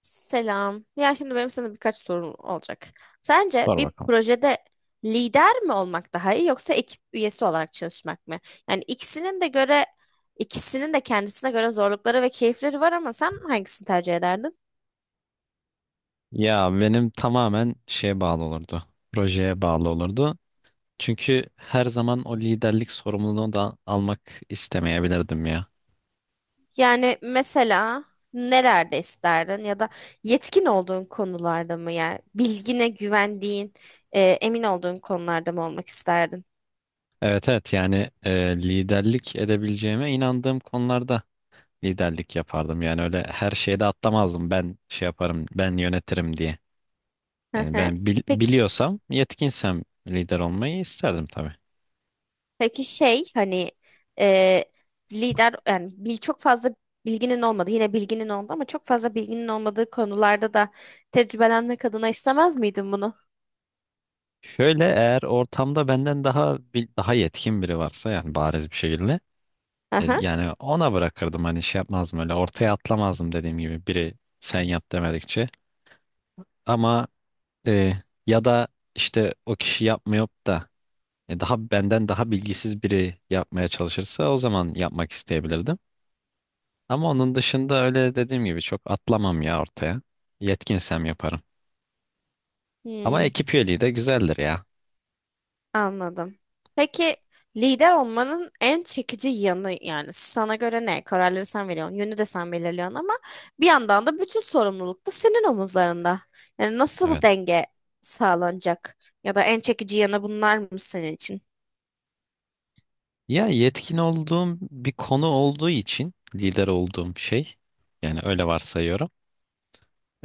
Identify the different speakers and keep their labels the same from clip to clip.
Speaker 1: Selam. Ya şimdi benim sana birkaç sorum olacak. Sence
Speaker 2: Sor
Speaker 1: bir
Speaker 2: bakalım.
Speaker 1: projede lider mi olmak daha iyi yoksa ekip üyesi olarak çalışmak mı? Yani ikisinin de göre ikisinin de kendisine göre zorlukları ve keyifleri var ama sen hangisini tercih ederdin?
Speaker 2: Ya benim tamamen şeye bağlı olurdu. Projeye bağlı olurdu. Çünkü her zaman o liderlik sorumluluğunu da almak istemeyebilirdim ya.
Speaker 1: Yani mesela nelerde isterdin ya da yetkin olduğun konularda mı, yani bilgine güvendiğin, emin olduğun konularda mı olmak isterdin?
Speaker 2: Evet, evet, yani liderlik edebileceğime inandığım konularda liderlik yapardım. Yani öyle her şeyde atlamazdım, ben şey yaparım ben yönetirim diye. Yani
Speaker 1: Peki.
Speaker 2: biliyorsam, yetkinsem lider olmayı isterdim tabii.
Speaker 1: Peki şey, hani, e, lider, çok fazla bilginin olmadı. Yine bilginin oldu ama çok fazla bilginin olmadığı konularda da tecrübelenmek adına istemez miydin bunu?
Speaker 2: Şöyle, eğer ortamda daha yetkin biri varsa, yani bariz bir şekilde,
Speaker 1: Aha.
Speaker 2: yani ona bırakırdım, hani şey yapmazdım, öyle ortaya atlamazdım, dediğim gibi biri sen yap demedikçe. Ama, e, ya da işte o kişi yapmıyor da, benden daha bilgisiz biri yapmaya çalışırsa o zaman yapmak isteyebilirdim. Ama onun dışında, öyle dediğim gibi, çok atlamam ya ortaya. Yetkinsem yaparım. Ama
Speaker 1: Hmm,
Speaker 2: ekip üyeliği de güzeldir ya.
Speaker 1: anladım. Peki lider olmanın en çekici yanı yani sana göre ne? Kararları sen veriyorsun, yönü de sen belirliyorsun ama bir yandan da bütün sorumluluk da senin omuzlarında. Yani nasıl bu
Speaker 2: Evet.
Speaker 1: denge sağlanacak? Ya da en çekici yanı bunlar mı senin için?
Speaker 2: Ya yetkin olduğum bir konu olduğu için lider olduğum şey, yani öyle varsayıyorum.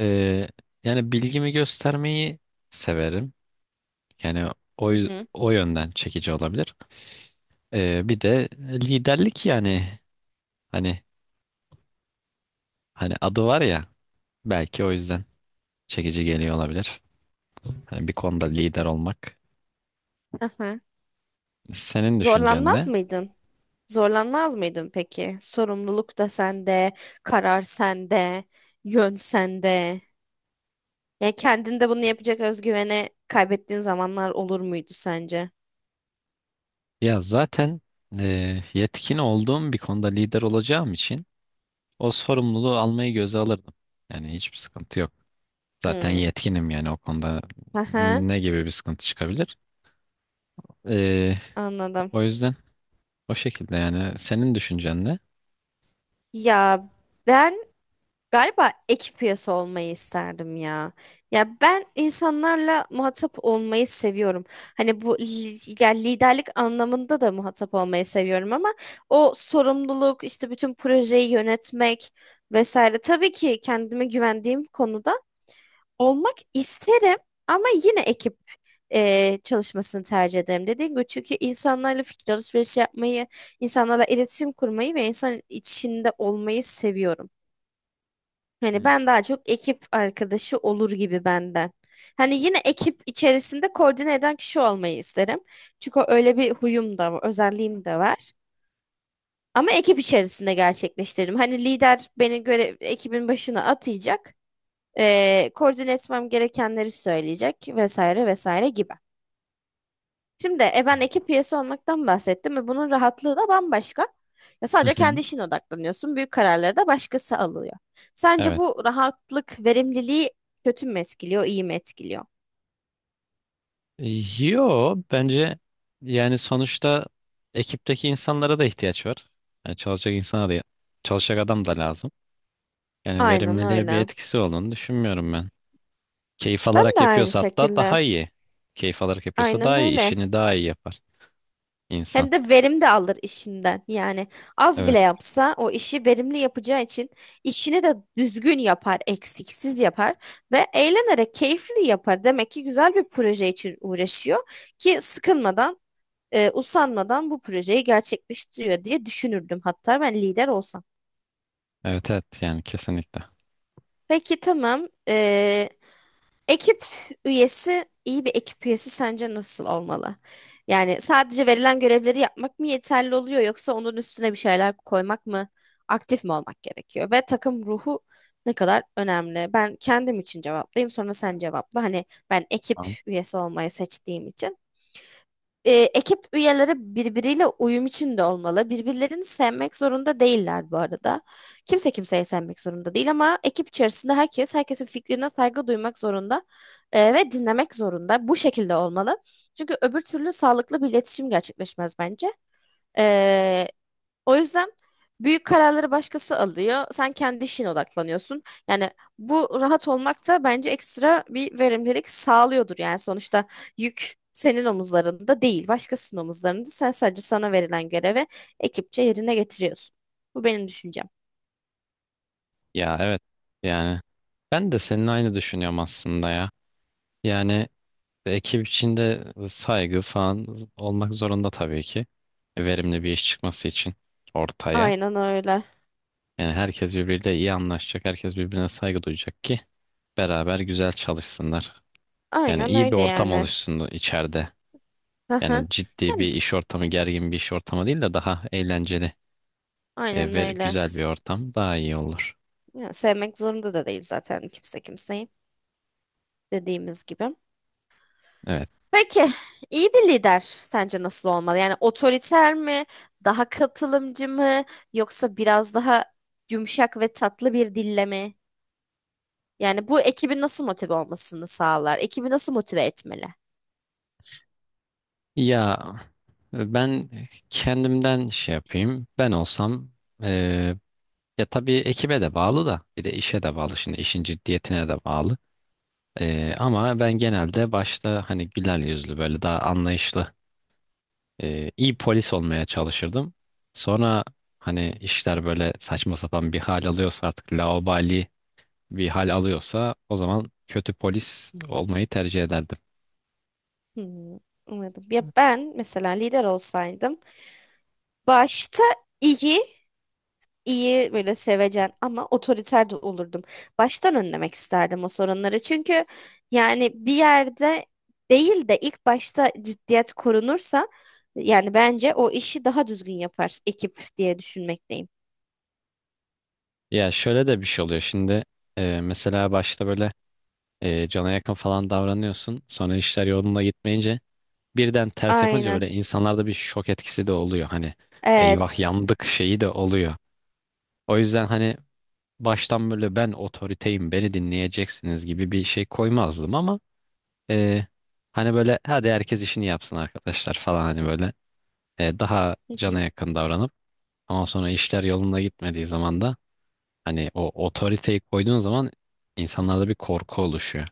Speaker 2: Ee, yani bilgimi göstermeyi severim. Yani
Speaker 1: Hı hı.
Speaker 2: o yönden çekici olabilir. Bir de liderlik, yani hani hani adı var ya, belki o yüzden çekici geliyor olabilir. Hani bir konuda lider olmak. Senin düşüncen
Speaker 1: Zorlanmaz
Speaker 2: ne?
Speaker 1: mıydın? Zorlanmaz mıydın peki? Sorumluluk da sende, karar sende, yön sende. Yani kendinde bunu yapacak özgüveni kaybettiğin zamanlar olur muydu sence?
Speaker 2: Ya zaten, yetkin olduğum bir konuda lider olacağım için o sorumluluğu almayı göze alırdım. Yani hiçbir sıkıntı yok. Zaten
Speaker 1: Hmm.
Speaker 2: yetkinim, yani o konuda
Speaker 1: Aha,
Speaker 2: ne gibi bir sıkıntı çıkabilir? Ee,
Speaker 1: anladım.
Speaker 2: o yüzden. O şekilde yani. Senin düşüncen ne?
Speaker 1: Ya ben, galiba ekip üyesi olmayı isterdim ya. Ya ben insanlarla muhatap olmayı seviyorum. Hani ya liderlik anlamında da muhatap olmayı seviyorum ama o sorumluluk işte bütün projeyi yönetmek vesaire. Tabii ki kendime güvendiğim konuda olmak isterim ama yine ekip çalışmasını tercih ederim. Dediğim gibi, çünkü insanlarla fikir alışverişi yapmayı, insanlarla iletişim kurmayı ve insan içinde olmayı seviyorum. Hani
Speaker 2: Hmm.
Speaker 1: ben daha çok ekip arkadaşı olur gibi benden. Hani yine ekip içerisinde koordine eden kişi olmayı isterim. Çünkü öyle bir huyum da var, özelliğim de var. Ama ekip içerisinde gerçekleştiririm. Hani lider beni göre ekibin başına atayacak, koordine etmem gerekenleri söyleyecek vesaire vesaire gibi. Şimdi ben ekip üyesi olmaktan bahsettim ve bunun rahatlığı da bambaşka. Ya
Speaker 2: Hı
Speaker 1: sadece
Speaker 2: hı.
Speaker 1: kendi işine odaklanıyorsun. Büyük kararları da başkası alıyor. Sence
Speaker 2: Evet.
Speaker 1: bu rahatlık, verimliliği kötü mü etkiliyor, iyi mi etkiliyor?
Speaker 2: Yo, bence yani sonuçta ekipteki insanlara da ihtiyaç var. Yani çalışacak insana da, çalışacak adam da lazım. Yani
Speaker 1: Aynen
Speaker 2: verimliliğe bir
Speaker 1: öyle.
Speaker 2: etkisi olduğunu düşünmüyorum ben. Keyif
Speaker 1: Ben
Speaker 2: alarak
Speaker 1: de aynı
Speaker 2: yapıyorsa hatta
Speaker 1: şekilde.
Speaker 2: daha iyi. Keyif alarak yapıyorsa
Speaker 1: Aynen
Speaker 2: daha iyi.
Speaker 1: öyle.
Speaker 2: İşini daha iyi yapar insan.
Speaker 1: Hem de verim de alır işinden. Yani az bile
Speaker 2: Evet.
Speaker 1: yapsa o işi verimli yapacağı için işini de düzgün yapar, eksiksiz yapar ve eğlenerek keyifli yapar. Demek ki güzel bir proje için uğraşıyor ki sıkılmadan, usanmadan bu projeyi gerçekleştiriyor diye düşünürdüm hatta ben lider olsam.
Speaker 2: Evet, evet, yani kesinlikle.
Speaker 1: Peki, tamam. Ekip üyesi, iyi bir ekip üyesi sence nasıl olmalı? Yani sadece verilen görevleri yapmak mı yeterli oluyor yoksa onun üstüne bir şeyler koymak mı, aktif mi olmak gerekiyor? Ve takım ruhu ne kadar önemli? Ben kendim için cevaplayayım sonra sen cevapla. Hani ben ekip
Speaker 2: Tamam.
Speaker 1: üyesi olmayı seçtiğim için. Ekip üyeleri birbiriyle uyum içinde olmalı. Birbirlerini sevmek zorunda değiller bu arada. Kimse kimseyi sevmek zorunda değil ama ekip içerisinde herkes herkesin fikrine saygı duymak zorunda ve dinlemek zorunda. Bu şekilde olmalı. Çünkü öbür türlü sağlıklı bir iletişim gerçekleşmez bence. E, o yüzden büyük kararları başkası alıyor. Sen kendi işine odaklanıyorsun. Yani bu rahat olmak da bence ekstra bir verimlilik sağlıyordur. Yani sonuçta yük senin omuzlarında değil, başkasının omuzlarında. Sen sadece sana verilen görevi ekipçe yerine getiriyorsun. Bu benim düşüncem.
Speaker 2: Ya evet, yani ben de senin aynı düşünüyorum aslında ya. Yani ekip içinde saygı falan olmak zorunda tabii ki. Verimli bir iş çıkması için ortaya.
Speaker 1: Aynen öyle.
Speaker 2: Yani herkes birbiriyle iyi anlaşacak, herkes birbirine saygı duyacak ki beraber güzel çalışsınlar. Yani
Speaker 1: Aynen
Speaker 2: iyi bir
Speaker 1: öyle
Speaker 2: ortam
Speaker 1: yani.
Speaker 2: oluşsun içeride.
Speaker 1: Aha.
Speaker 2: Yani ciddi
Speaker 1: Yani
Speaker 2: bir iş ortamı, gergin bir iş ortamı değil de daha eğlenceli
Speaker 1: aynen
Speaker 2: ve
Speaker 1: öyle.
Speaker 2: güzel bir ortam daha iyi olur.
Speaker 1: Ya sevmek zorunda da değil zaten kimse kimseyi, dediğimiz gibi.
Speaker 2: Evet.
Speaker 1: Peki, iyi bir lider sence nasıl olmalı? Yani otoriter mi, daha katılımcı mı, yoksa biraz daha yumuşak ve tatlı bir dille mi? Yani bu ekibin nasıl motive olmasını sağlar? Ekibi nasıl motive etmeli?
Speaker 2: Ya ben kendimden şey yapayım. Ben olsam, e, ya tabii ekibe de bağlı da, bir de işe de bağlı. Şimdi işin ciddiyetine de bağlı. Ama ben genelde başta hani güler yüzlü, böyle daha anlayışlı, iyi polis olmaya çalışırdım. Sonra hani işler böyle saçma sapan bir hal alıyorsa, artık laubali bir hal alıyorsa, o zaman kötü polis olmayı tercih ederdim.
Speaker 1: Hmm, anladım. Ya ben mesela lider olsaydım başta iyi iyi böyle sevecen ama otoriter de olurdum. Baştan önlemek isterdim o sorunları. Çünkü yani bir yerde değil de ilk başta ciddiyet korunursa yani bence o işi daha düzgün yapar ekip diye düşünmekteyim.
Speaker 2: Ya şöyle de bir şey oluyor şimdi, mesela başta böyle cana yakın falan davranıyorsun, sonra işler yolunda gitmeyince birden ters yapınca
Speaker 1: Aynen.
Speaker 2: böyle insanlarda bir şok etkisi de oluyor. Hani eyvah
Speaker 1: Evet.
Speaker 2: yandık şeyi de oluyor. O yüzden hani baştan böyle ben otoriteyim, beni dinleyeceksiniz gibi bir şey koymazdım ama, e, hani böyle hadi herkes işini yapsın arkadaşlar falan, hani böyle daha
Speaker 1: Hı
Speaker 2: cana
Speaker 1: hı.
Speaker 2: yakın davranıp, ama sonra işler yolunda gitmediği zaman da, hani o otoriteyi koyduğun zaman insanlarda bir korku oluşuyor.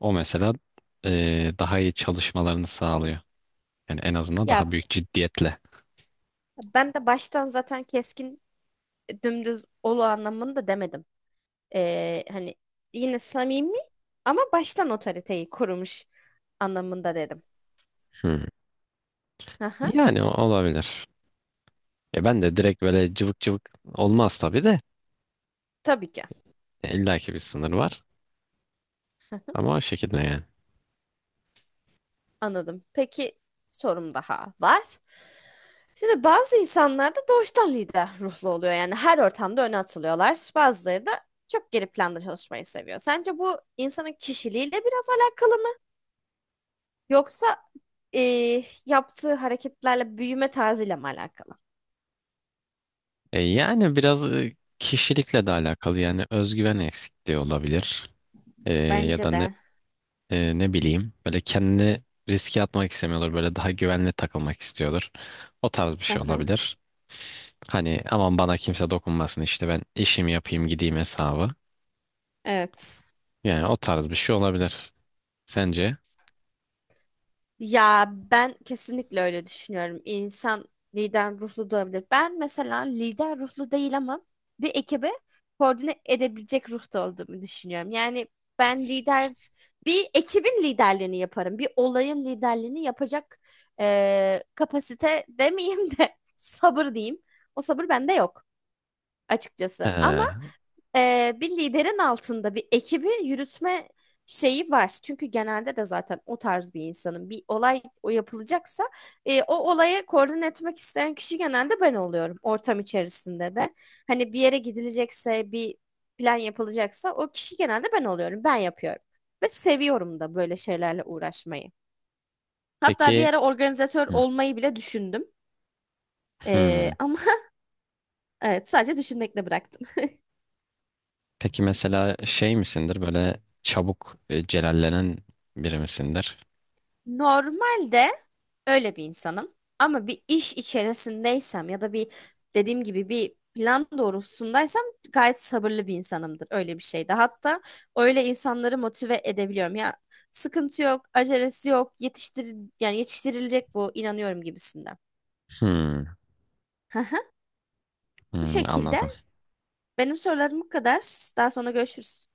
Speaker 2: O mesela daha iyi çalışmalarını sağlıyor. Yani en azından daha
Speaker 1: Ya
Speaker 2: büyük ciddiyetle.
Speaker 1: ben de baştan zaten keskin, dümdüz olu anlamında demedim. Hani yine samimi ama baştan otoriteyi kurmuş anlamında dedim.
Speaker 2: Hı.
Speaker 1: Aha,
Speaker 2: Yani olabilir. Ya ben de direkt böyle cıvık cıvık olmaz tabii de.
Speaker 1: tabii ki.
Speaker 2: İlla ki bir sınır var.
Speaker 1: Aha,
Speaker 2: Ama o şekilde yani.
Speaker 1: anladım. Peki, sorum daha var. Şimdi bazı insanlar da doğuştan lider ruhlu oluyor. Yani her ortamda öne atılıyorlar. Bazıları da çok geri planda çalışmayı seviyor. Sence bu insanın kişiliğiyle biraz alakalı mı? Yoksa yaptığı hareketlerle, büyüme tarzıyla mı alakalı?
Speaker 2: Yani biraz kişilikle de alakalı, yani özgüven eksikliği olabilir. E, ya da
Speaker 1: Bence
Speaker 2: ne,
Speaker 1: de.
Speaker 2: ne bileyim, böyle kendini riske atmak istemiyordur. Böyle daha güvenli takılmak istiyordur. O tarz bir şey
Speaker 1: Aha,
Speaker 2: olabilir. Hani aman bana kimse dokunmasın, işte ben işimi yapayım gideyim hesabı.
Speaker 1: evet.
Speaker 2: Yani o tarz bir şey olabilir. Sence?
Speaker 1: Ya ben kesinlikle öyle düşünüyorum. İnsan lider ruhlu da olabilir. Ben mesela lider ruhlu değil ama bir ekibe koordine edebilecek ruhta olduğumu düşünüyorum. Yani ben lider, bir ekibin liderliğini yaparım. Bir olayın liderliğini yapacak kapasite demeyeyim de sabır diyeyim. O sabır bende yok açıkçası. Ama
Speaker 2: Ee,
Speaker 1: bir liderin altında bir ekibi yürütme şeyi var. Çünkü genelde de zaten o tarz bir insanın bir olay o yapılacaksa o olayı koordine etmek isteyen kişi genelde ben oluyorum ortam içerisinde de. Hani bir yere gidilecekse, bir plan yapılacaksa o kişi genelde ben oluyorum. Ben yapıyorum. Ve seviyorum da böyle şeylerle uğraşmayı. Hatta bir
Speaker 2: peki.
Speaker 1: ara organizatör
Speaker 2: Hı.
Speaker 1: olmayı bile düşündüm. E,
Speaker 2: Hmm.
Speaker 1: ama evet, sadece düşünmekle bıraktım.
Speaker 2: Peki mesela şey misindir, böyle çabuk celallenen biri misindir?
Speaker 1: Normalde öyle bir insanım. Ama bir iş içerisindeysem ya da bir, dediğim gibi, bir plan doğrultusundaysam gayet sabırlı bir insanımdır. Öyle bir şeyde. Hatta öyle insanları motive edebiliyorum. Ya sıkıntı yok, acelesi yok, yetiştir, yani yetiştirilecek bu, inanıyorum gibisinden.
Speaker 2: Hmm.
Speaker 1: Bu
Speaker 2: Hmm,
Speaker 1: şekilde
Speaker 2: anladım.
Speaker 1: benim sorularım bu kadar. Daha sonra görüşürüz.